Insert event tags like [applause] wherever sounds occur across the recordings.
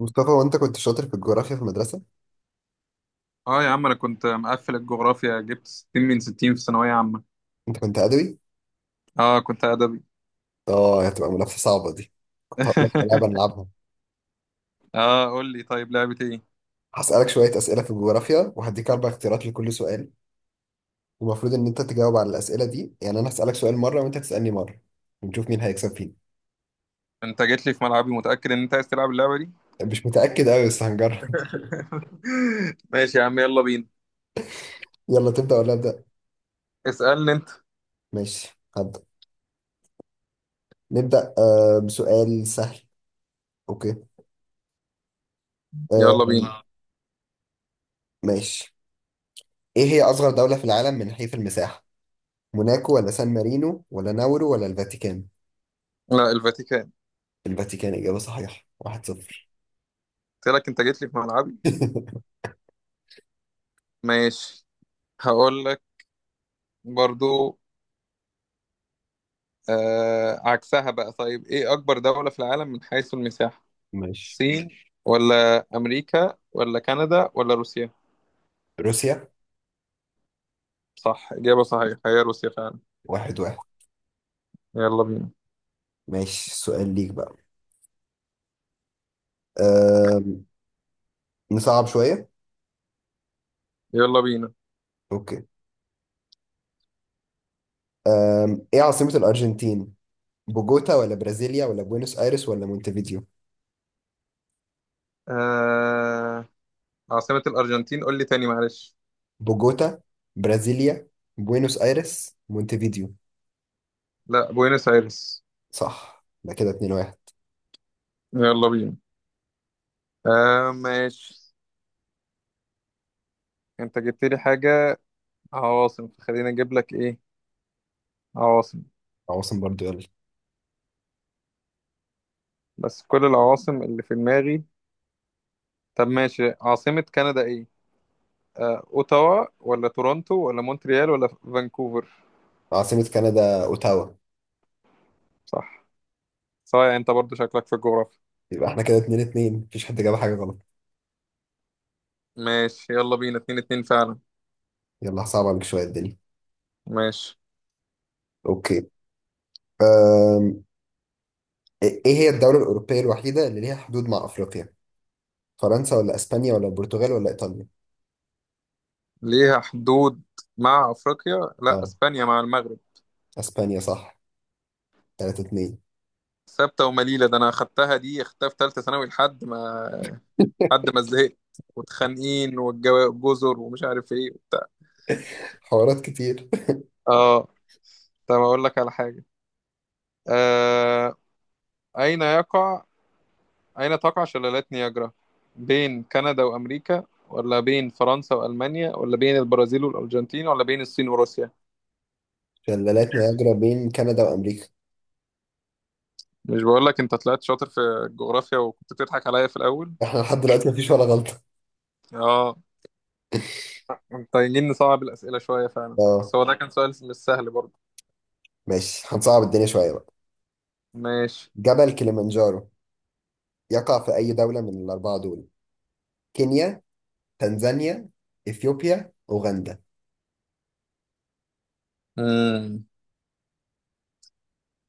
مصطفى وانت كنت شاطر في الجغرافيا في المدرسة. اه، يا عم، انا كنت مقفل الجغرافيا، جبت 60 من 60 في ثانوية عامة. انت كنت ادبي؟ اه، كنت ادبي. اه، هتبقى منافسة صعبة دي. كنت هقول لك على لعبة [laughs] نلعبها. اه، قول لي طيب لعبة ايه؟ هسألك شوية أسئلة في الجغرافيا وهديك أربع اختيارات لكل سؤال. المفروض إن أنت تجاوب على الأسئلة دي، يعني أنا هسألك سؤال مرة وأنت تسألني مرة ونشوف مين هيكسب فينا. انت جيت لي في ملعبي، متأكد ان انت عايز تلعب اللعبة دي؟ مش متأكد أوي، بس هنجرب. [laughs] ماشي يا عم، يلا بينا. [laughs] يلا تبدأ ولا أبدأ؟ اسألني انت. ماشي، هبدأ. نبدأ بسؤال سهل. أوكي. آه، يلا بينا، آه. ماشي. إيه هي أصغر دولة في العالم من حيث المساحة؟ موناكو ولا سان مارينو ولا ناورو ولا الفاتيكان؟ لا، الفاتيكان. الفاتيكان إجابة صحيحة، واحد صفر. قلت لك انت جيت لي في ملعبي. [laughs] ماشي، هقول لك برضو. آه، عكسها بقى. طيب ايه اكبر دولة في العالم من حيث المساحة؟ ماشي، الصين ولا امريكا ولا كندا ولا روسيا؟ روسيا. صح، إجابة صحيحة، هي روسيا فعلا. واحد واحد. يلا بينا. ماشي، سؤال ليك بقى. أم... نصعب شوية. يلا بينا. أوكي. إيه عاصمة الأرجنتين؟ بوجوتا ولا برازيليا ولا بوينوس آيرس ولا مونتفيديو؟ آه... عاصمة الأرجنتين قول لي تاني معلش. بوجوتا، برازيليا، بوينوس آيرس، مونتفيديو. لا، بوينس آيرس. صح، ده كده اتنين واحد. يلا بينا. آه ماشي، أنت جبت لي حاجة، عواصم، فخليني أجيب لك إيه، عواصم. عواصم برضو، يلا. بس كل العواصم اللي في دماغي. طب ماشي، عاصمة كندا إيه؟ آه، أوتاوا ولا تورونتو ولا مونتريال ولا فانكوفر؟ عاصمة كندا أوتاوا. صح، صحيح، أنت برضو شكلك في الجغرافيا. يبقى احنا كده اتنين اتنين، مفيش حد جاب حاجة غلط. ماشي يلا بينا، اتنين اتنين فعلا. يلا هصعب عليك شوية الدنيا. ماشي. أوكي. أم... ايه هي الدولة الأوروبية الوحيدة اللي ليها حدود مع أفريقيا؟ فرنسا ولا اسبانيا ولا البرتغال ولا ايطاليا؟ ليها حدود مع افريقيا، لا اه، اسبانيا مع المغرب. اسبانيا صح. 3-2. ثابته ومليله ده، انا اخدتها دي، اخدتها في ثالثه ثانوي لحد ما زهقت، واتخانقين والجزر ومش عارف ايه وبتاع. حوارات كتير. اه، طب اقول لك على حاجه. آه... اين يقع، اين تقع شلالات نياجرا؟ بين كندا وامريكا، ولا بين فرنسا والمانيا، ولا بين البرازيل والارجنتين، ولا بين الصين وروسيا؟ شلالات نياجرا بين كندا وامريكا. مش بقول لك انت طلعت شاطر في الجغرافيا، وكنت بتضحك عليا في الاول. احنا لحد دلوقتي مفيش ولا غلطة. اه، محتاجين نصعب الأسئلة شوية فعلا، اه بس هو ده كان سؤال مش سهل برضه. ماشي، هنصعب الدنيا شوية بقى. ماشي. جبل كليمنجارو يقع في أي دولة من الأربعة دول؟ كينيا، تنزانيا، إثيوبيا، أوغندا. مم.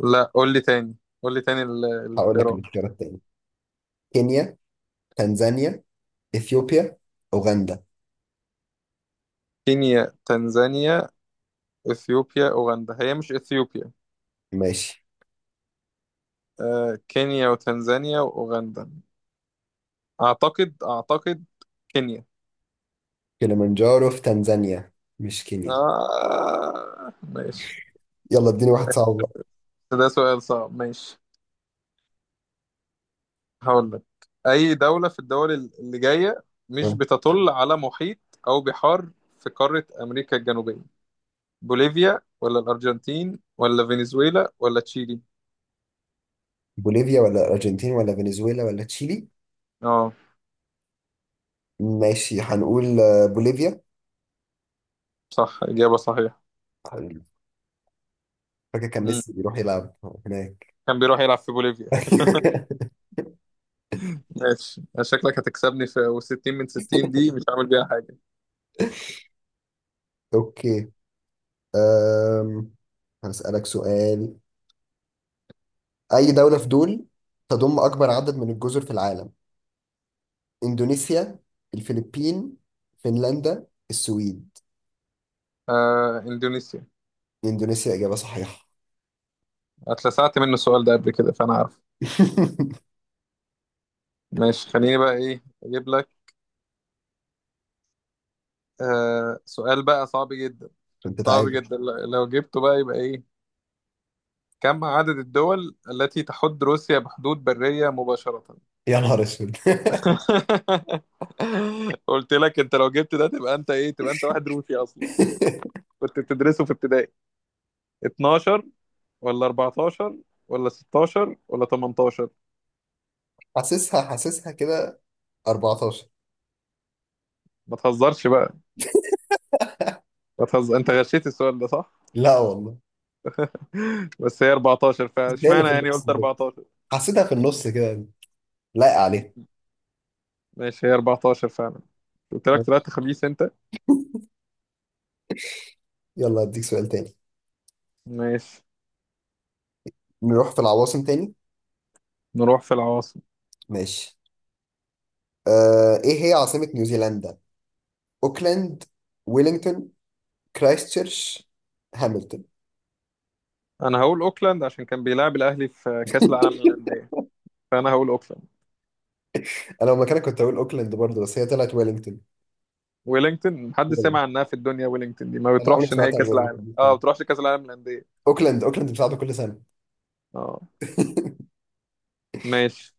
لا، قول لي تاني. قول لي تاني هقول لك الاختيارات. الاختيارات تاني. كينيا، تنزانيا، إثيوبيا، أوغندا. كينيا، تنزانيا، اثيوبيا، اوغندا. هي مش اثيوبيا. ماشي. آه، كينيا وتنزانيا واوغندا. اعتقد كينيا. كليمنجارو في تنزانيا، مش كينيا. آه ماشي. يلا اديني واحد صعب بقى. ده سؤال صعب، ماشي هقول لك. اي دولة في الدول اللي جاية مش آه. بتطل على محيط او بحار في قارة امريكا الجنوبية؟ بوليفيا ولا الأرجنتين ولا فنزويلا ولا تشيلي؟ بوليفيا ولا الارجنتين ولا فنزويلا ولا تشيلي؟ اه. ماشي، هنقول آه، بوليفيا. صح، إجابة صحيحة. فاكر كان مم. ميسي بيروح يلعب هناك. كان بيروح يلعب في بوليفيا. [laughs] ماشي، شكلك هتكسبني، في و60 من 60 دي مش عامل بيها حاجة. اوكي. أم... هسألك سؤال. اي دولة في دول تضم اكبر عدد من الجزر في العالم؟ اندونيسيا، الفلبين، فنلندا، السويد. آه، إندونيسيا. اندونيسيا اجابة صحيحة. اتلسعت منه السؤال ده قبل كده، فأنا عارف. [laughs] ماشي، خليني بقى إيه أجيب لك. آه سؤال بقى صعب جدا، عشان صعب تتعادل. جدا، لو جبته بقى يبقى إيه. كم عدد الدول التي تحد روسيا بحدود برية مباشرة؟ يا نهار اسود. [laughs] [laughs] قلت لك انت لو جبت ده تبقى انت ايه، تبقى انت واحد روسي اصلا، كنت بتدرسه في ابتدائي. 12 ولا 14 ولا 16 ولا 18؟ حاسسها، حاسسها كده 14. ما تهزرش بقى. ما تهزر، انت غشيت السؤال ده صح. لا والله، [laughs] بس هي 14 فعلا، هي اللي اشمعنى في يعني النص قلت كده، 14. حسيتها في النص كده، لايقة عليها. ماشي، هي 14 فعلا. قلت لك ماشي. طلعت خبيث انت. يلا اديك سؤال تاني. ماشي، نروح في العواصم تاني. نروح في العواصم. ماشي. آه، ايه هي عاصمة نيوزيلندا؟ اوكلاند، ويلينغتون، كرايستشيرش، هاملتون. انا هقول اوكلاند عشان كان بيلعب الاهلي في كاس العالم للانديه، فانا هقول اوكلاند. انا لو مكانك كنت اقول اوكلاند برضه، بس هي طلعت ويلينغتون. ويلينجتون محدش ويلينغتون. سامع عنها في الدنيا، ويلينجتون دي ما انا عمري ما بتروحش نهائي سمعت عن كاس ويلينغتون العالم، دي اه ما كمان. بتروحش كاس العالم للانديه. اوكلاند، اوكلاند بتلعب كل سنة. اه [laughs] ماشي.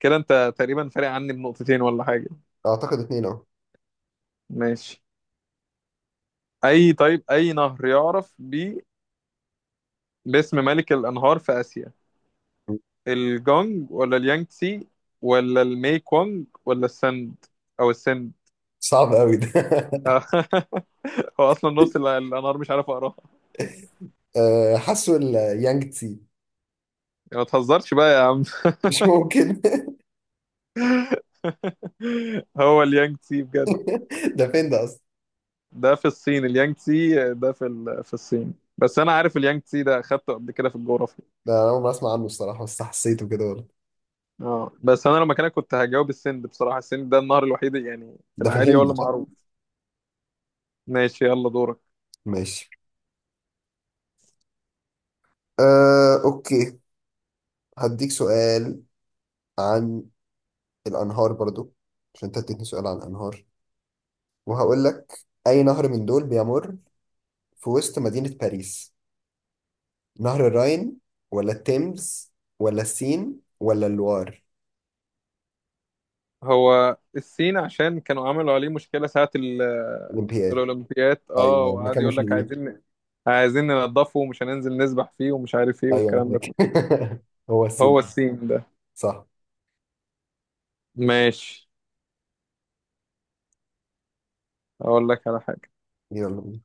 كده انت تقريبا فارق عني بنقطتين ولا حاجه. اعتقد اتنين اهو. ماشي. اي، طيب، اي نهر يعرف بي باسم ملك الانهار في اسيا؟ الجونج ولا اليانجتسي ولا المي كونج ولا السند، او السند؟ صعب قوي ده. [laughs] آه. [laughs] هو اصلا نص الانهار مش عارف اقراها. آه، حاسه اليانج تسي. ما تهزرش بقى يا عم. مش ممكن. [laughs] [laughs] هو اليانجتسي بجد؟ ده فين ده اصلا؟ ده في الصين، اليانج تسي ده في في الصين، بس انا عارف اليانج تسي ده اخدته قبل كده في الجغرافيا. ده انا اول ما اسمع عنه الصراحه، بس حسيته كده برضه. اه، بس انا لو مكانك كنت هجاوب السند بصراحه، السند ده النهر الوحيد يعني في ده في العادي ولا الهند صح؟ معروف. ماشي يلا دورك. ماشي. آه، اوكي. هديك سؤال عن الانهار برضو، عشان انت اديتني سؤال عن الانهار. وهقول لك، اي نهر من دول بيمر في وسط مدينه باريس؟ نهر الراين ولا التيمز ولا السين ولا اللوار؟ هو الصين عشان كانوا عملوا عليه مشكله ساعه الامبياد. الاولمبياد، اه، ايوه، وقعد المكان يقول مش لك نظيف. عايزين ننضفه ومش هننزل نسبح فيه ومش عارف ايه ايوه انا والكلام ده كله. فاكر. [laughs] هو السين. هو السين ده. صح. ماشي، اقول لك على حاجه. يلا بينا.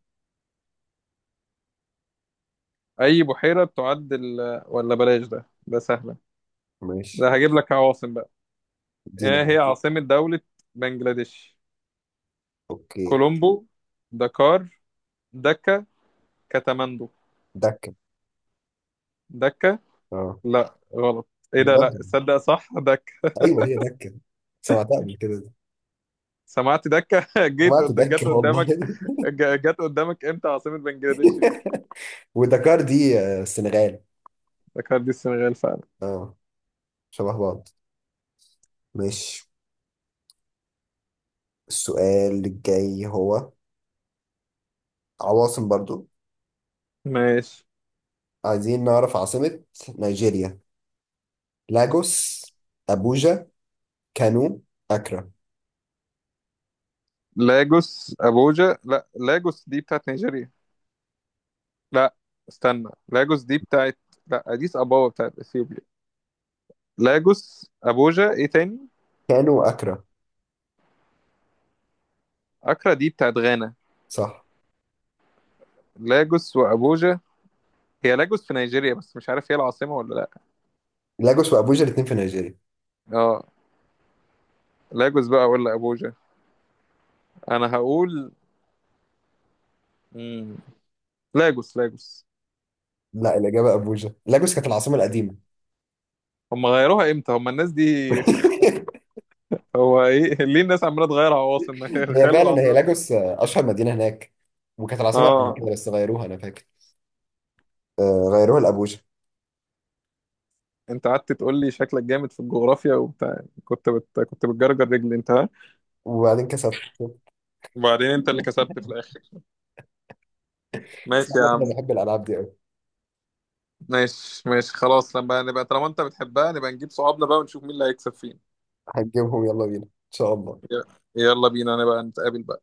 اي بحيره ولا بلاش ده، ده سهل. ماشي، ده هجيب لك عواصم بقى. ادينا ايه بقى. هي عاصمة دولة بنجلاديش؟ اوكي. كولومبو، دكار، دكا، كاتماندو. دكه. دكا. اه. لا غلط. ايه ده، لا بجد؟ تصدق، صح دكا. ايوه هي دكه، سمعتها قبل كده دي. سمعت دكا. [laughs] سمعت جت دكه والله. قدامك. [laughs] جت قدامك امتى عاصمة بنجلاديش دي. ودكار دي آه، السنغال. دكار دي السنغال فعلا. اه، شبه بعض. ماشي. السؤال الجاي هو عواصم برضو. ماشي. عايزين نعرف عاصمة نيجيريا. لاجوس، أبوجا، كانو، أكرا. لاجوس، ابوجا، لا لاجوس دي بتاعت نيجيريا. لا استنى، لاجوس دي بتاعت، لا اديس ابابا بتاعت اثيوبيا. لاجوس، ابوجا، ايه تاني؟ كانو أكرا؟ اكرا دي بتاعت غانا. صح. لاجوس وابوجا، هي لاجوس في نيجيريا بس مش عارف هي العاصمة ولا لا. لاجوس وأبوجا الاتنين في نيجيريا. اه، لاجوس بقى ولا ابوجا؟ انا هقول مم. لاجوس، لاجوس. لا، الإجابة أبوجا. لاجوس كانت العاصمة القديمة. هم غيروها امتى هم الناس دي. [laughs] هو ايه [laughs] ليه الناس عماله تغير عواصم؟ [laughs] ما هي هي خلوا فعلا هي العاصمه لاجوس بتاعتها. آه، أشهر مدينة هناك، وكانت العاصمة قبل كده اه، بس غيروها أنا فاكر. آه، غيروها لأبوجا. انت قعدت تقول لي شكلك جامد في الجغرافيا وبتاع، كنت كنت بتجرجر رجلي انت، ها، وبعدين كسبت. وبعدين انت اللي كسبت في الاخر. بس ماشي يا عامة عم. أنا بحب الألعاب دي أوي. ماشي ماشي خلاص، لما نبقى طالما انت بتحبها نبقى نجيب صحابنا بقى ونشوف مين اللي هيكسب فين. هنجيبهم، يلا بينا إن شاء الله. ي- يلا بينا نبقى نتقابل بقى.